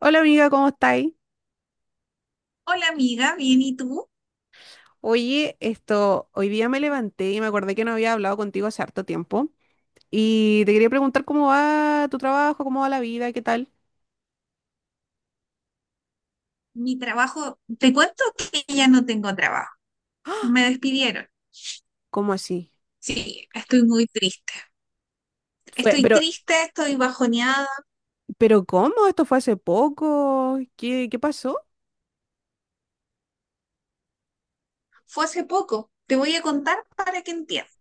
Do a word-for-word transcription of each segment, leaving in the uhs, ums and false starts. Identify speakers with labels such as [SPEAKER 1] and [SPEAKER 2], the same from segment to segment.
[SPEAKER 1] Hola amiga, ¿cómo estáis?
[SPEAKER 2] Hola amiga, bien, ¿y tú?
[SPEAKER 1] Oye, esto, hoy día me levanté y me acordé que no había hablado contigo hace harto tiempo y te quería preguntar cómo va tu trabajo, cómo va la vida, qué tal.
[SPEAKER 2] Mi trabajo, te cuento que ya no tengo trabajo.
[SPEAKER 1] ¡Ah!
[SPEAKER 2] Me despidieron.
[SPEAKER 1] ¿Cómo así?
[SPEAKER 2] Sí, estoy muy triste.
[SPEAKER 1] Fue,
[SPEAKER 2] Estoy
[SPEAKER 1] pero,
[SPEAKER 2] triste, estoy bajoneada.
[SPEAKER 1] pero ¿cómo? ¿Esto fue hace poco? ¿Qué, qué pasó?
[SPEAKER 2] Fue hace poco. Te voy a contar para que entiendas.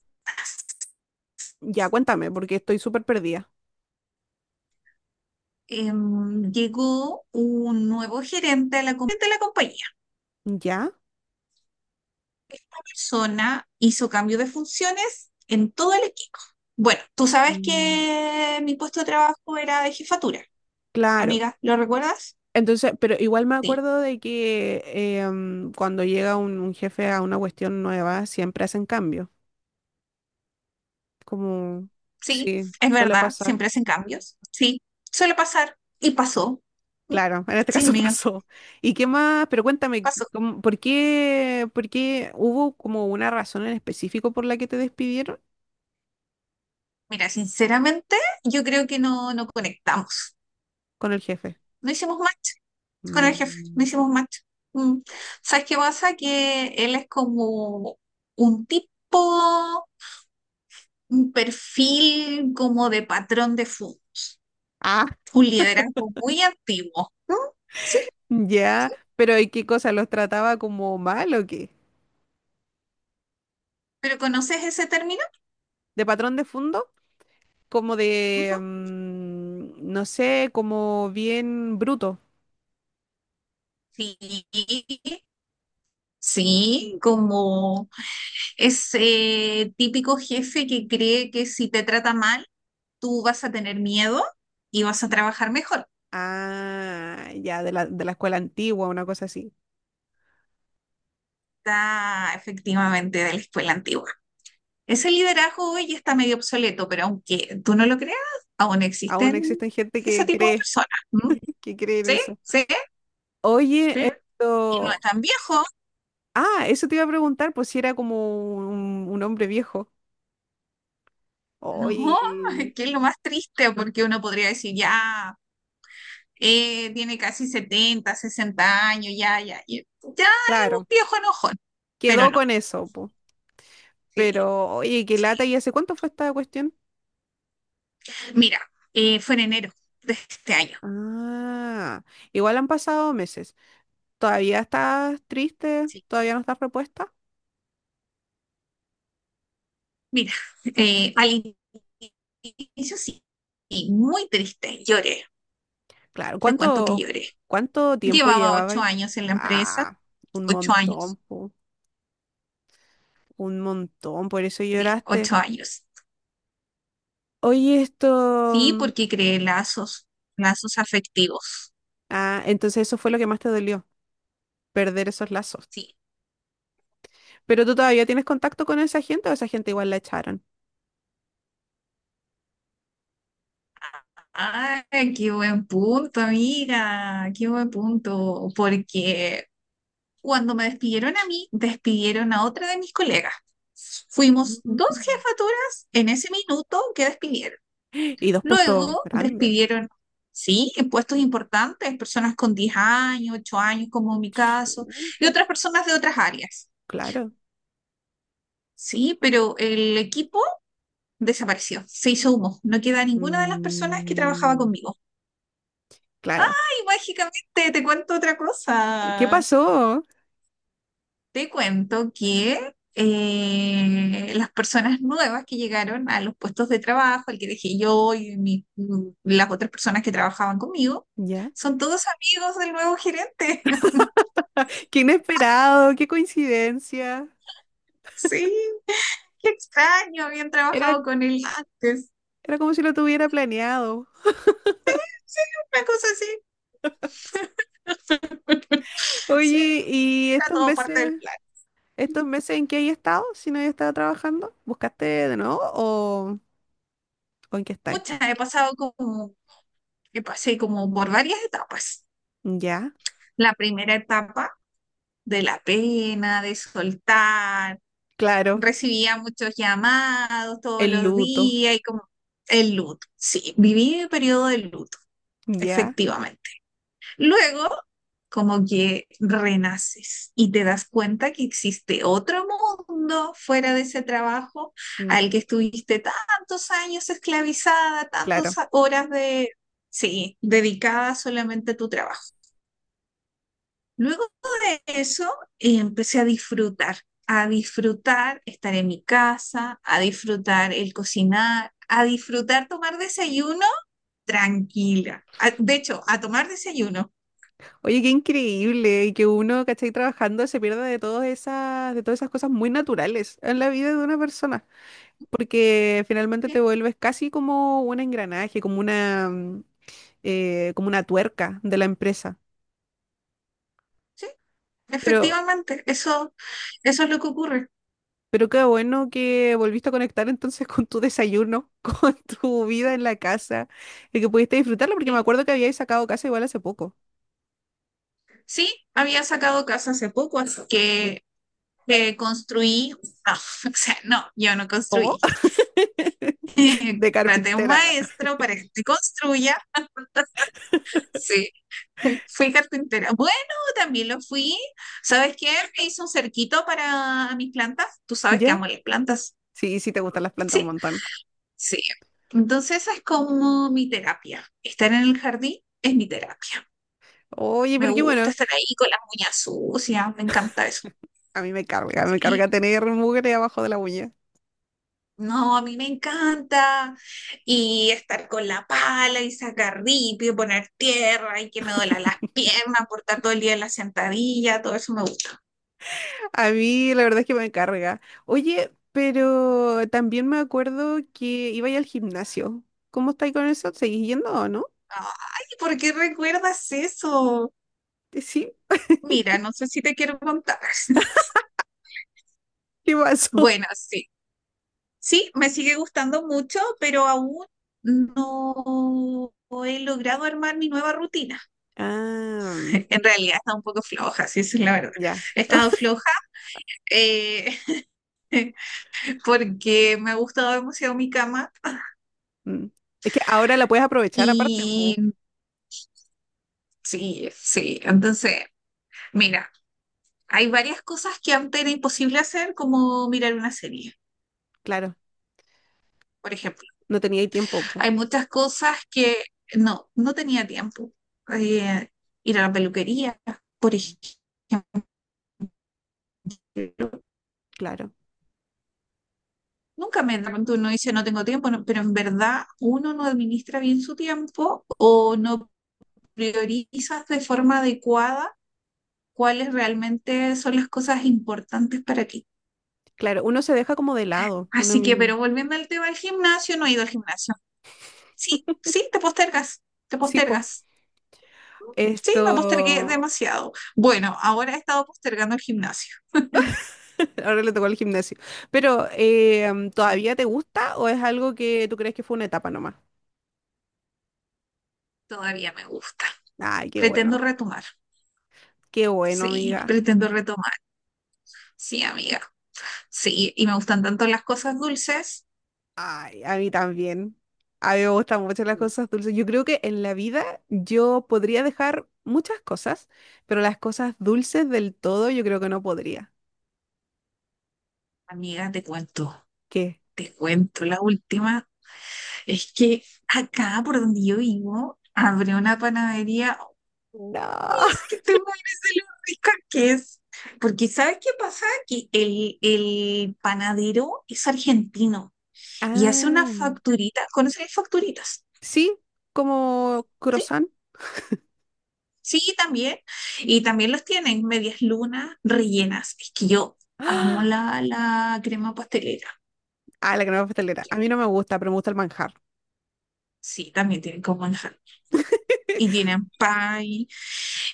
[SPEAKER 1] Ya, cuéntame, porque estoy súper perdida.
[SPEAKER 2] Em, llegó un nuevo gerente de la, com- de la compañía.
[SPEAKER 1] ¿Ya?
[SPEAKER 2] La persona hizo cambio de funciones en todo el equipo. Bueno, tú sabes
[SPEAKER 1] Mm.
[SPEAKER 2] que mi puesto de trabajo era de jefatura,
[SPEAKER 1] Claro.
[SPEAKER 2] amiga, ¿lo recuerdas?
[SPEAKER 1] Entonces, pero igual me
[SPEAKER 2] Sí.
[SPEAKER 1] acuerdo de que eh, mm, cuando llega un, un jefe a una cuestión nueva, siempre hacen cambio. Como,
[SPEAKER 2] Sí,
[SPEAKER 1] sí,
[SPEAKER 2] es
[SPEAKER 1] suele
[SPEAKER 2] verdad,
[SPEAKER 1] pasar.
[SPEAKER 2] siempre hacen cambios. Sí, suele pasar y pasó. Mm.
[SPEAKER 1] Claro, en este
[SPEAKER 2] Sí,
[SPEAKER 1] caso
[SPEAKER 2] amiga,
[SPEAKER 1] pasó. ¿Y qué más? Pero cuéntame,
[SPEAKER 2] pasó.
[SPEAKER 1] ¿cómo- ¿por qué, por qué hubo como una razón en específico por la que te despidieron
[SPEAKER 2] Mira, sinceramente, yo creo que no, no conectamos.
[SPEAKER 1] con el jefe?
[SPEAKER 2] No hicimos match con el jefe, no
[SPEAKER 1] Mm.
[SPEAKER 2] hicimos match. Mm. ¿Sabes qué pasa? Que él es como un tipo, un perfil como de patrón de fútbol,
[SPEAKER 1] Ah,
[SPEAKER 2] un liderazgo muy antiguo. Mm. Sí,
[SPEAKER 1] ya.
[SPEAKER 2] sí.
[SPEAKER 1] Pero ¿y qué cosa? ¿Los trataba como mal o qué?
[SPEAKER 2] ¿Pero conoces ese término?
[SPEAKER 1] ¿De patrón de fondo? Como
[SPEAKER 2] Ujú.
[SPEAKER 1] de, mm, no sé, como bien bruto.
[SPEAKER 2] Sí, sí, como es eh, típico jefe que cree que si te trata mal, tú vas a tener miedo y vas a trabajar mejor.
[SPEAKER 1] Ah, ya, de la, de la escuela antigua, una cosa así.
[SPEAKER 2] Está efectivamente de la escuela antigua. Ese liderazgo hoy está medio obsoleto, pero aunque tú no lo creas, aún
[SPEAKER 1] Aún
[SPEAKER 2] existen
[SPEAKER 1] existen gente
[SPEAKER 2] ese
[SPEAKER 1] que
[SPEAKER 2] tipo de
[SPEAKER 1] cree,
[SPEAKER 2] personas. ¿Mm?
[SPEAKER 1] que cree en
[SPEAKER 2] ¿Sí?
[SPEAKER 1] eso.
[SPEAKER 2] ¿Sí?
[SPEAKER 1] Oye,
[SPEAKER 2] ¿Sí? Y no es
[SPEAKER 1] esto...
[SPEAKER 2] tan viejo.
[SPEAKER 1] Ah, eso te iba a preguntar, pues si era como un, un hombre viejo.
[SPEAKER 2] No,
[SPEAKER 1] Oye,
[SPEAKER 2] que es lo más triste porque uno podría decir, ya, eh, tiene casi setenta sesenta años, ya, ya, y- ya es
[SPEAKER 1] claro,
[SPEAKER 2] un viejo enojón, pero
[SPEAKER 1] quedó
[SPEAKER 2] no.
[SPEAKER 1] con eso, po.
[SPEAKER 2] Sí,
[SPEAKER 1] Pero, oye, qué
[SPEAKER 2] sí.
[SPEAKER 1] lata, ¿y hace cuánto fue esta cuestión?
[SPEAKER 2] Mira, eh, fue en enero de este año.
[SPEAKER 1] Ah, igual han pasado meses. ¿Todavía estás triste?
[SPEAKER 2] Sí.
[SPEAKER 1] ¿Todavía no estás repuesta?
[SPEAKER 2] Mira, eh, al inicio sí, y muy triste, lloré.
[SPEAKER 1] Claro,
[SPEAKER 2] Te cuento que
[SPEAKER 1] ¿cuánto,
[SPEAKER 2] lloré.
[SPEAKER 1] cuánto tiempo
[SPEAKER 2] Llevaba
[SPEAKER 1] llevabas?
[SPEAKER 2] ocho años en la empresa,
[SPEAKER 1] Ah, un
[SPEAKER 2] ocho
[SPEAKER 1] montón,
[SPEAKER 2] años,
[SPEAKER 1] po, un montón, por eso
[SPEAKER 2] sí,
[SPEAKER 1] lloraste.
[SPEAKER 2] ocho años.
[SPEAKER 1] Oye,
[SPEAKER 2] Sí,
[SPEAKER 1] esto...
[SPEAKER 2] porque creé lazos, lazos afectivos.
[SPEAKER 1] Ah, entonces eso fue lo que más te dolió, perder esos lazos.
[SPEAKER 2] Sí.
[SPEAKER 1] Pero tú todavía tienes contacto con esa gente o esa gente igual la echaron.
[SPEAKER 2] Ay, qué buen punto, amiga, qué buen punto, porque cuando me despidieron a mí, despidieron a otra de mis colegas. Fuimos dos
[SPEAKER 1] Mm.
[SPEAKER 2] jefaturas en ese minuto que despidieron.
[SPEAKER 1] Y dos puestos
[SPEAKER 2] Luego
[SPEAKER 1] grandes.
[SPEAKER 2] despidieron, sí, en puestos importantes, personas con diez años, ocho años, como en mi caso, y
[SPEAKER 1] Chuta,
[SPEAKER 2] otras personas de otras áreas.
[SPEAKER 1] claro.
[SPEAKER 2] Sí, pero el equipo desapareció, se hizo humo, no queda ninguna de las personas que trabajaba
[SPEAKER 1] Mm,
[SPEAKER 2] conmigo.
[SPEAKER 1] claro.
[SPEAKER 2] Y mágicamente te cuento otra
[SPEAKER 1] ¿Qué
[SPEAKER 2] cosa.
[SPEAKER 1] pasó?
[SPEAKER 2] Te cuento que eh, las personas nuevas que llegaron a los puestos de trabajo, el que dejé yo y mi- mm, las otras personas que trabajaban conmigo,
[SPEAKER 1] ¿Ya?
[SPEAKER 2] son todos amigos del nuevo gerente.
[SPEAKER 1] Qué inesperado, qué coincidencia.
[SPEAKER 2] Sí, qué extraño, habían
[SPEAKER 1] Era,
[SPEAKER 2] trabajado con él antes.
[SPEAKER 1] era como si lo tuviera planeado.
[SPEAKER 2] Una cosa así, sí,
[SPEAKER 1] Oye, ¿y
[SPEAKER 2] era
[SPEAKER 1] estos
[SPEAKER 2] todo parte del
[SPEAKER 1] meses,
[SPEAKER 2] plan.
[SPEAKER 1] estos meses en qué hay estado? Si no hay estado trabajando, ¿buscaste de nuevo o, o en qué estáis?
[SPEAKER 2] Muchas, he pasado como, he pasé como por varias etapas.
[SPEAKER 1] ¿Ya?
[SPEAKER 2] La primera etapa de la pena, de soltar
[SPEAKER 1] Claro.
[SPEAKER 2] recibía muchos llamados todos
[SPEAKER 1] El
[SPEAKER 2] los
[SPEAKER 1] luto.
[SPEAKER 2] días y como el luto. Sí, viví el periodo de luto,
[SPEAKER 1] ¿Ya?
[SPEAKER 2] efectivamente. Luego, como que renaces y te das cuenta que existe otro mundo fuera de ese trabajo
[SPEAKER 1] Mm,
[SPEAKER 2] al que estuviste tantos años esclavizada, tantas
[SPEAKER 1] claro.
[SPEAKER 2] horas de, sí, dedicada solamente a tu trabajo. Luego de eso, eh, empecé a disfrutar, a disfrutar estar en mi casa, a disfrutar el cocinar, a disfrutar tomar desayuno tranquila. A- de hecho, a tomar desayuno.
[SPEAKER 1] Oye, qué increíble y que uno, ¿cachai? Trabajando se pierda de todas esas, de todas esas cosas muy naturales en la vida de una persona, porque finalmente te
[SPEAKER 2] Sí,
[SPEAKER 1] vuelves casi como un engranaje, como una, mm, eh, como una tuerca de la empresa.
[SPEAKER 2] sí,
[SPEAKER 1] Pero,
[SPEAKER 2] efectivamente, eso, eso es lo que ocurre.
[SPEAKER 1] pero qué bueno que volviste a conectar entonces con tu desayuno, con tu vida en la casa y que pudiste disfrutarla, porque me
[SPEAKER 2] Sí,
[SPEAKER 1] acuerdo que habíais sacado casa igual hace poco.
[SPEAKER 2] sí, había sacado casa hace poco, así que eh, construí, no, o sea, no, yo no
[SPEAKER 1] ¿Cómo?
[SPEAKER 2] construí.
[SPEAKER 1] De
[SPEAKER 2] Traté a un
[SPEAKER 1] carpintera.
[SPEAKER 2] maestro para que te construya. Sí. Fui carpintera. Bueno, también lo fui. ¿Sabes qué? Me hice un cerquito para mis plantas. Tú sabes que
[SPEAKER 1] ¿Ya?
[SPEAKER 2] amo las plantas.
[SPEAKER 1] Sí, sí, te gustan las plantas un
[SPEAKER 2] Sí,
[SPEAKER 1] montón.
[SPEAKER 2] sí. Entonces esa es como mi terapia. Estar en el jardín es mi terapia.
[SPEAKER 1] Oye,
[SPEAKER 2] Me
[SPEAKER 1] pero qué
[SPEAKER 2] gusta
[SPEAKER 1] bueno.
[SPEAKER 2] estar ahí con las uñas sucias. Me encanta eso.
[SPEAKER 1] A mí me carga, me
[SPEAKER 2] Sí.
[SPEAKER 1] carga tener mugre abajo de la uña.
[SPEAKER 2] No, a mí me encanta. Y estar con la pala y sacar ripio, poner tierra y que me duela las piernas, por estar todo el día en la sentadilla. Todo eso me gusta.
[SPEAKER 1] A mí la verdad es que me carga. Oye, pero también me acuerdo que iba a al gimnasio. ¿Cómo estáis con eso? ¿Seguís yendo o no?
[SPEAKER 2] Ay, ¿por qué recuerdas eso?
[SPEAKER 1] Eh, sí,
[SPEAKER 2] Mira, no sé si te quiero contar.
[SPEAKER 1] ¿qué pasó?
[SPEAKER 2] Bueno, sí. Sí, me sigue gustando mucho, pero aún no he logrado armar mi nueva rutina.
[SPEAKER 1] Ah,
[SPEAKER 2] En realidad está un poco floja, sí, esa es la verdad.
[SPEAKER 1] ya.
[SPEAKER 2] He estado floja eh, porque me ha gustado demasiado mi cama
[SPEAKER 1] Mm. Es que ahora la puedes aprovechar aparte,
[SPEAKER 2] y
[SPEAKER 1] po.
[SPEAKER 2] sí, sí. Entonces, mira, hay varias cosas que antes era imposible hacer, como mirar una serie,
[SPEAKER 1] Claro,
[SPEAKER 2] por ejemplo.
[SPEAKER 1] no tenía ahí tiempo, po.
[SPEAKER 2] Hay muchas cosas que no, no tenía tiempo. Eh, ir a la peluquería, por ejemplo.
[SPEAKER 1] Claro,
[SPEAKER 2] Nunca me da cuenta, uno dice no tengo tiempo, no, pero en verdad uno no administra bien su tiempo o no priorizas de forma adecuada cuáles realmente son las cosas importantes para ti.
[SPEAKER 1] claro. Uno se deja como de lado, uno
[SPEAKER 2] Así que,
[SPEAKER 1] mismo.
[SPEAKER 2] pero volviendo al tema del gimnasio, no he ido al gimnasio. Sí, sí, te postergas, te
[SPEAKER 1] Sí, po.
[SPEAKER 2] postergas. Sí, me postergué
[SPEAKER 1] Esto,
[SPEAKER 2] demasiado. Bueno, ahora he estado postergando el gimnasio.
[SPEAKER 1] ahora le tocó el gimnasio. Pero, eh, mm,
[SPEAKER 2] Mm.
[SPEAKER 1] ¿todavía te gusta o es algo que tú crees que fue una etapa nomás?
[SPEAKER 2] Todavía me gusta.
[SPEAKER 1] Ay, qué
[SPEAKER 2] Pretendo
[SPEAKER 1] bueno.
[SPEAKER 2] retomar.
[SPEAKER 1] Qué bueno,
[SPEAKER 2] Sí,
[SPEAKER 1] amiga.
[SPEAKER 2] pretendo retomar. Sí, amiga. Sí, y me gustan tanto las cosas dulces.
[SPEAKER 1] Ay, a mí también. A mí me gustan mucho las
[SPEAKER 2] Mm.
[SPEAKER 1] cosas dulces. Yo creo que en la vida yo podría dejar muchas cosas, pero las cosas dulces del todo yo creo que no podría.
[SPEAKER 2] Amiga, te cuento,
[SPEAKER 1] ¿Qué?
[SPEAKER 2] te cuento. La última es que acá por donde yo vivo, abrió una panadería. ¡Uy,
[SPEAKER 1] No.
[SPEAKER 2] es que te mueres de lo rica que es! Porque ¿sabes qué pasa? Que el, el panadero es argentino y hace unas
[SPEAKER 1] Ah,
[SPEAKER 2] facturitas. ¿Conoces las facturitas?
[SPEAKER 1] sí, como
[SPEAKER 2] ¿Sí?
[SPEAKER 1] croissant.
[SPEAKER 2] Sí, también. Y también los tienen medias lunas rellenas. Es que yo amo
[SPEAKER 1] Ah,
[SPEAKER 2] la, la crema pastelera.
[SPEAKER 1] ah, la crema pastelera. A mí no me gusta, pero me gusta el manjar.
[SPEAKER 2] Sí, también tienen como manjar. Y tienen pan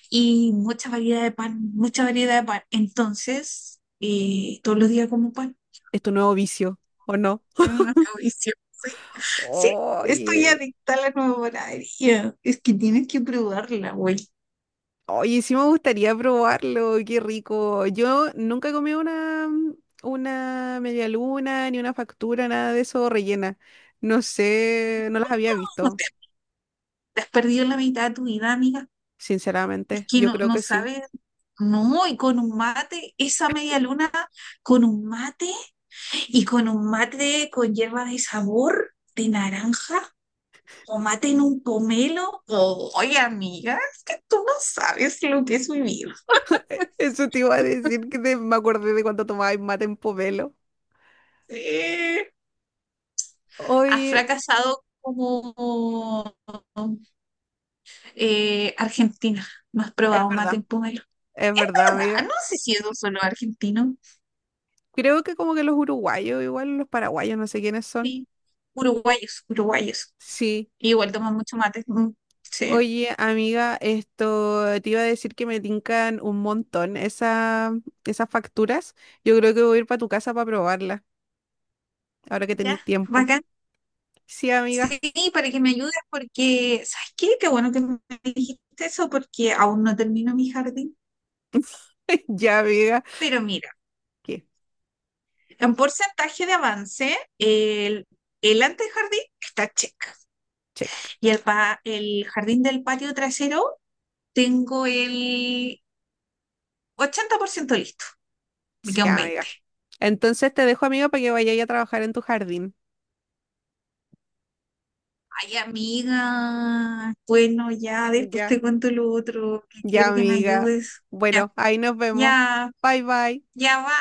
[SPEAKER 2] y mucha variedad de pan, mucha variedad de pan. Entonces, eh, todos los días como pan.
[SPEAKER 1] ¿Es tu nuevo vicio o no?
[SPEAKER 2] Es una tradición. Sí, sí, estoy
[SPEAKER 1] Oye,
[SPEAKER 2] adicta a la nueva panadería. Es que tienes que probarla, güey.
[SPEAKER 1] oye, sí me gustaría probarlo, qué rico. Yo nunca he comido una, mm, una media luna, ni una factura, nada de eso rellena. No sé, no las había
[SPEAKER 2] No,
[SPEAKER 1] visto,
[SPEAKER 2] Te, te has perdido la mitad de tu vida, amiga.
[SPEAKER 1] sinceramente.
[SPEAKER 2] Que
[SPEAKER 1] Yo
[SPEAKER 2] no,
[SPEAKER 1] creo
[SPEAKER 2] no
[SPEAKER 1] que sí.
[SPEAKER 2] sabe, no, y con un mate, esa media luna con un mate y con un mate con hierba de sabor de naranja o mate en un pomelo. Oye, amiga, es que tú no sabes lo que es vivir.
[SPEAKER 1] Eh, Eso te iba a decir que te- me acordé de cuando tomabas mate en Pomelo.
[SPEAKER 2] Eh, has
[SPEAKER 1] Oye,
[SPEAKER 2] fracasado como eh, Argentina. No has
[SPEAKER 1] es
[SPEAKER 2] probado mate
[SPEAKER 1] verdad,
[SPEAKER 2] en pomelo.
[SPEAKER 1] es verdad,
[SPEAKER 2] ¿Verdad?
[SPEAKER 1] amiga.
[SPEAKER 2] No sé si es solo argentino.
[SPEAKER 1] Creo que como que los uruguayos, igual los paraguayos, no sé quiénes son.
[SPEAKER 2] Sí. Uruguayos, uruguayos.
[SPEAKER 1] Sí.
[SPEAKER 2] Igual toman mucho mate. Mm. Sí.
[SPEAKER 1] Oye, amiga, esto te iba a decir que me tincan un montón esa, esas facturas. Yo creo que voy a ir para tu casa para probarlas, ahora que
[SPEAKER 2] Ya,
[SPEAKER 1] tenéis tiempo.
[SPEAKER 2] bacán.
[SPEAKER 1] Sí,
[SPEAKER 2] Sí,
[SPEAKER 1] amiga.
[SPEAKER 2] para que me ayudes, porque, ¿sabes qué? Qué bueno que me dijiste eso, porque aún no termino mi jardín.
[SPEAKER 1] Ya, amiga.
[SPEAKER 2] Pero mira,
[SPEAKER 1] ¿Qué?
[SPEAKER 2] en porcentaje de avance, el, el antejardín está check.
[SPEAKER 1] Check.
[SPEAKER 2] Y el, pa- el jardín del patio trasero, tengo el ochenta por ciento listo. Me queda
[SPEAKER 1] Sí,
[SPEAKER 2] un
[SPEAKER 1] amiga.
[SPEAKER 2] veinte por ciento.
[SPEAKER 1] Entonces te dejo, amiga, para que vayáis a trabajar en tu jardín.
[SPEAKER 2] Ay, amiga. Bueno, ya, después
[SPEAKER 1] Ya.
[SPEAKER 2] te cuento lo otro, que
[SPEAKER 1] Ya,
[SPEAKER 2] quiero que me
[SPEAKER 1] amiga.
[SPEAKER 2] ayudes. Ya,
[SPEAKER 1] Bueno, ahí nos vemos.
[SPEAKER 2] ya,
[SPEAKER 1] Bye, bye.
[SPEAKER 2] ya va.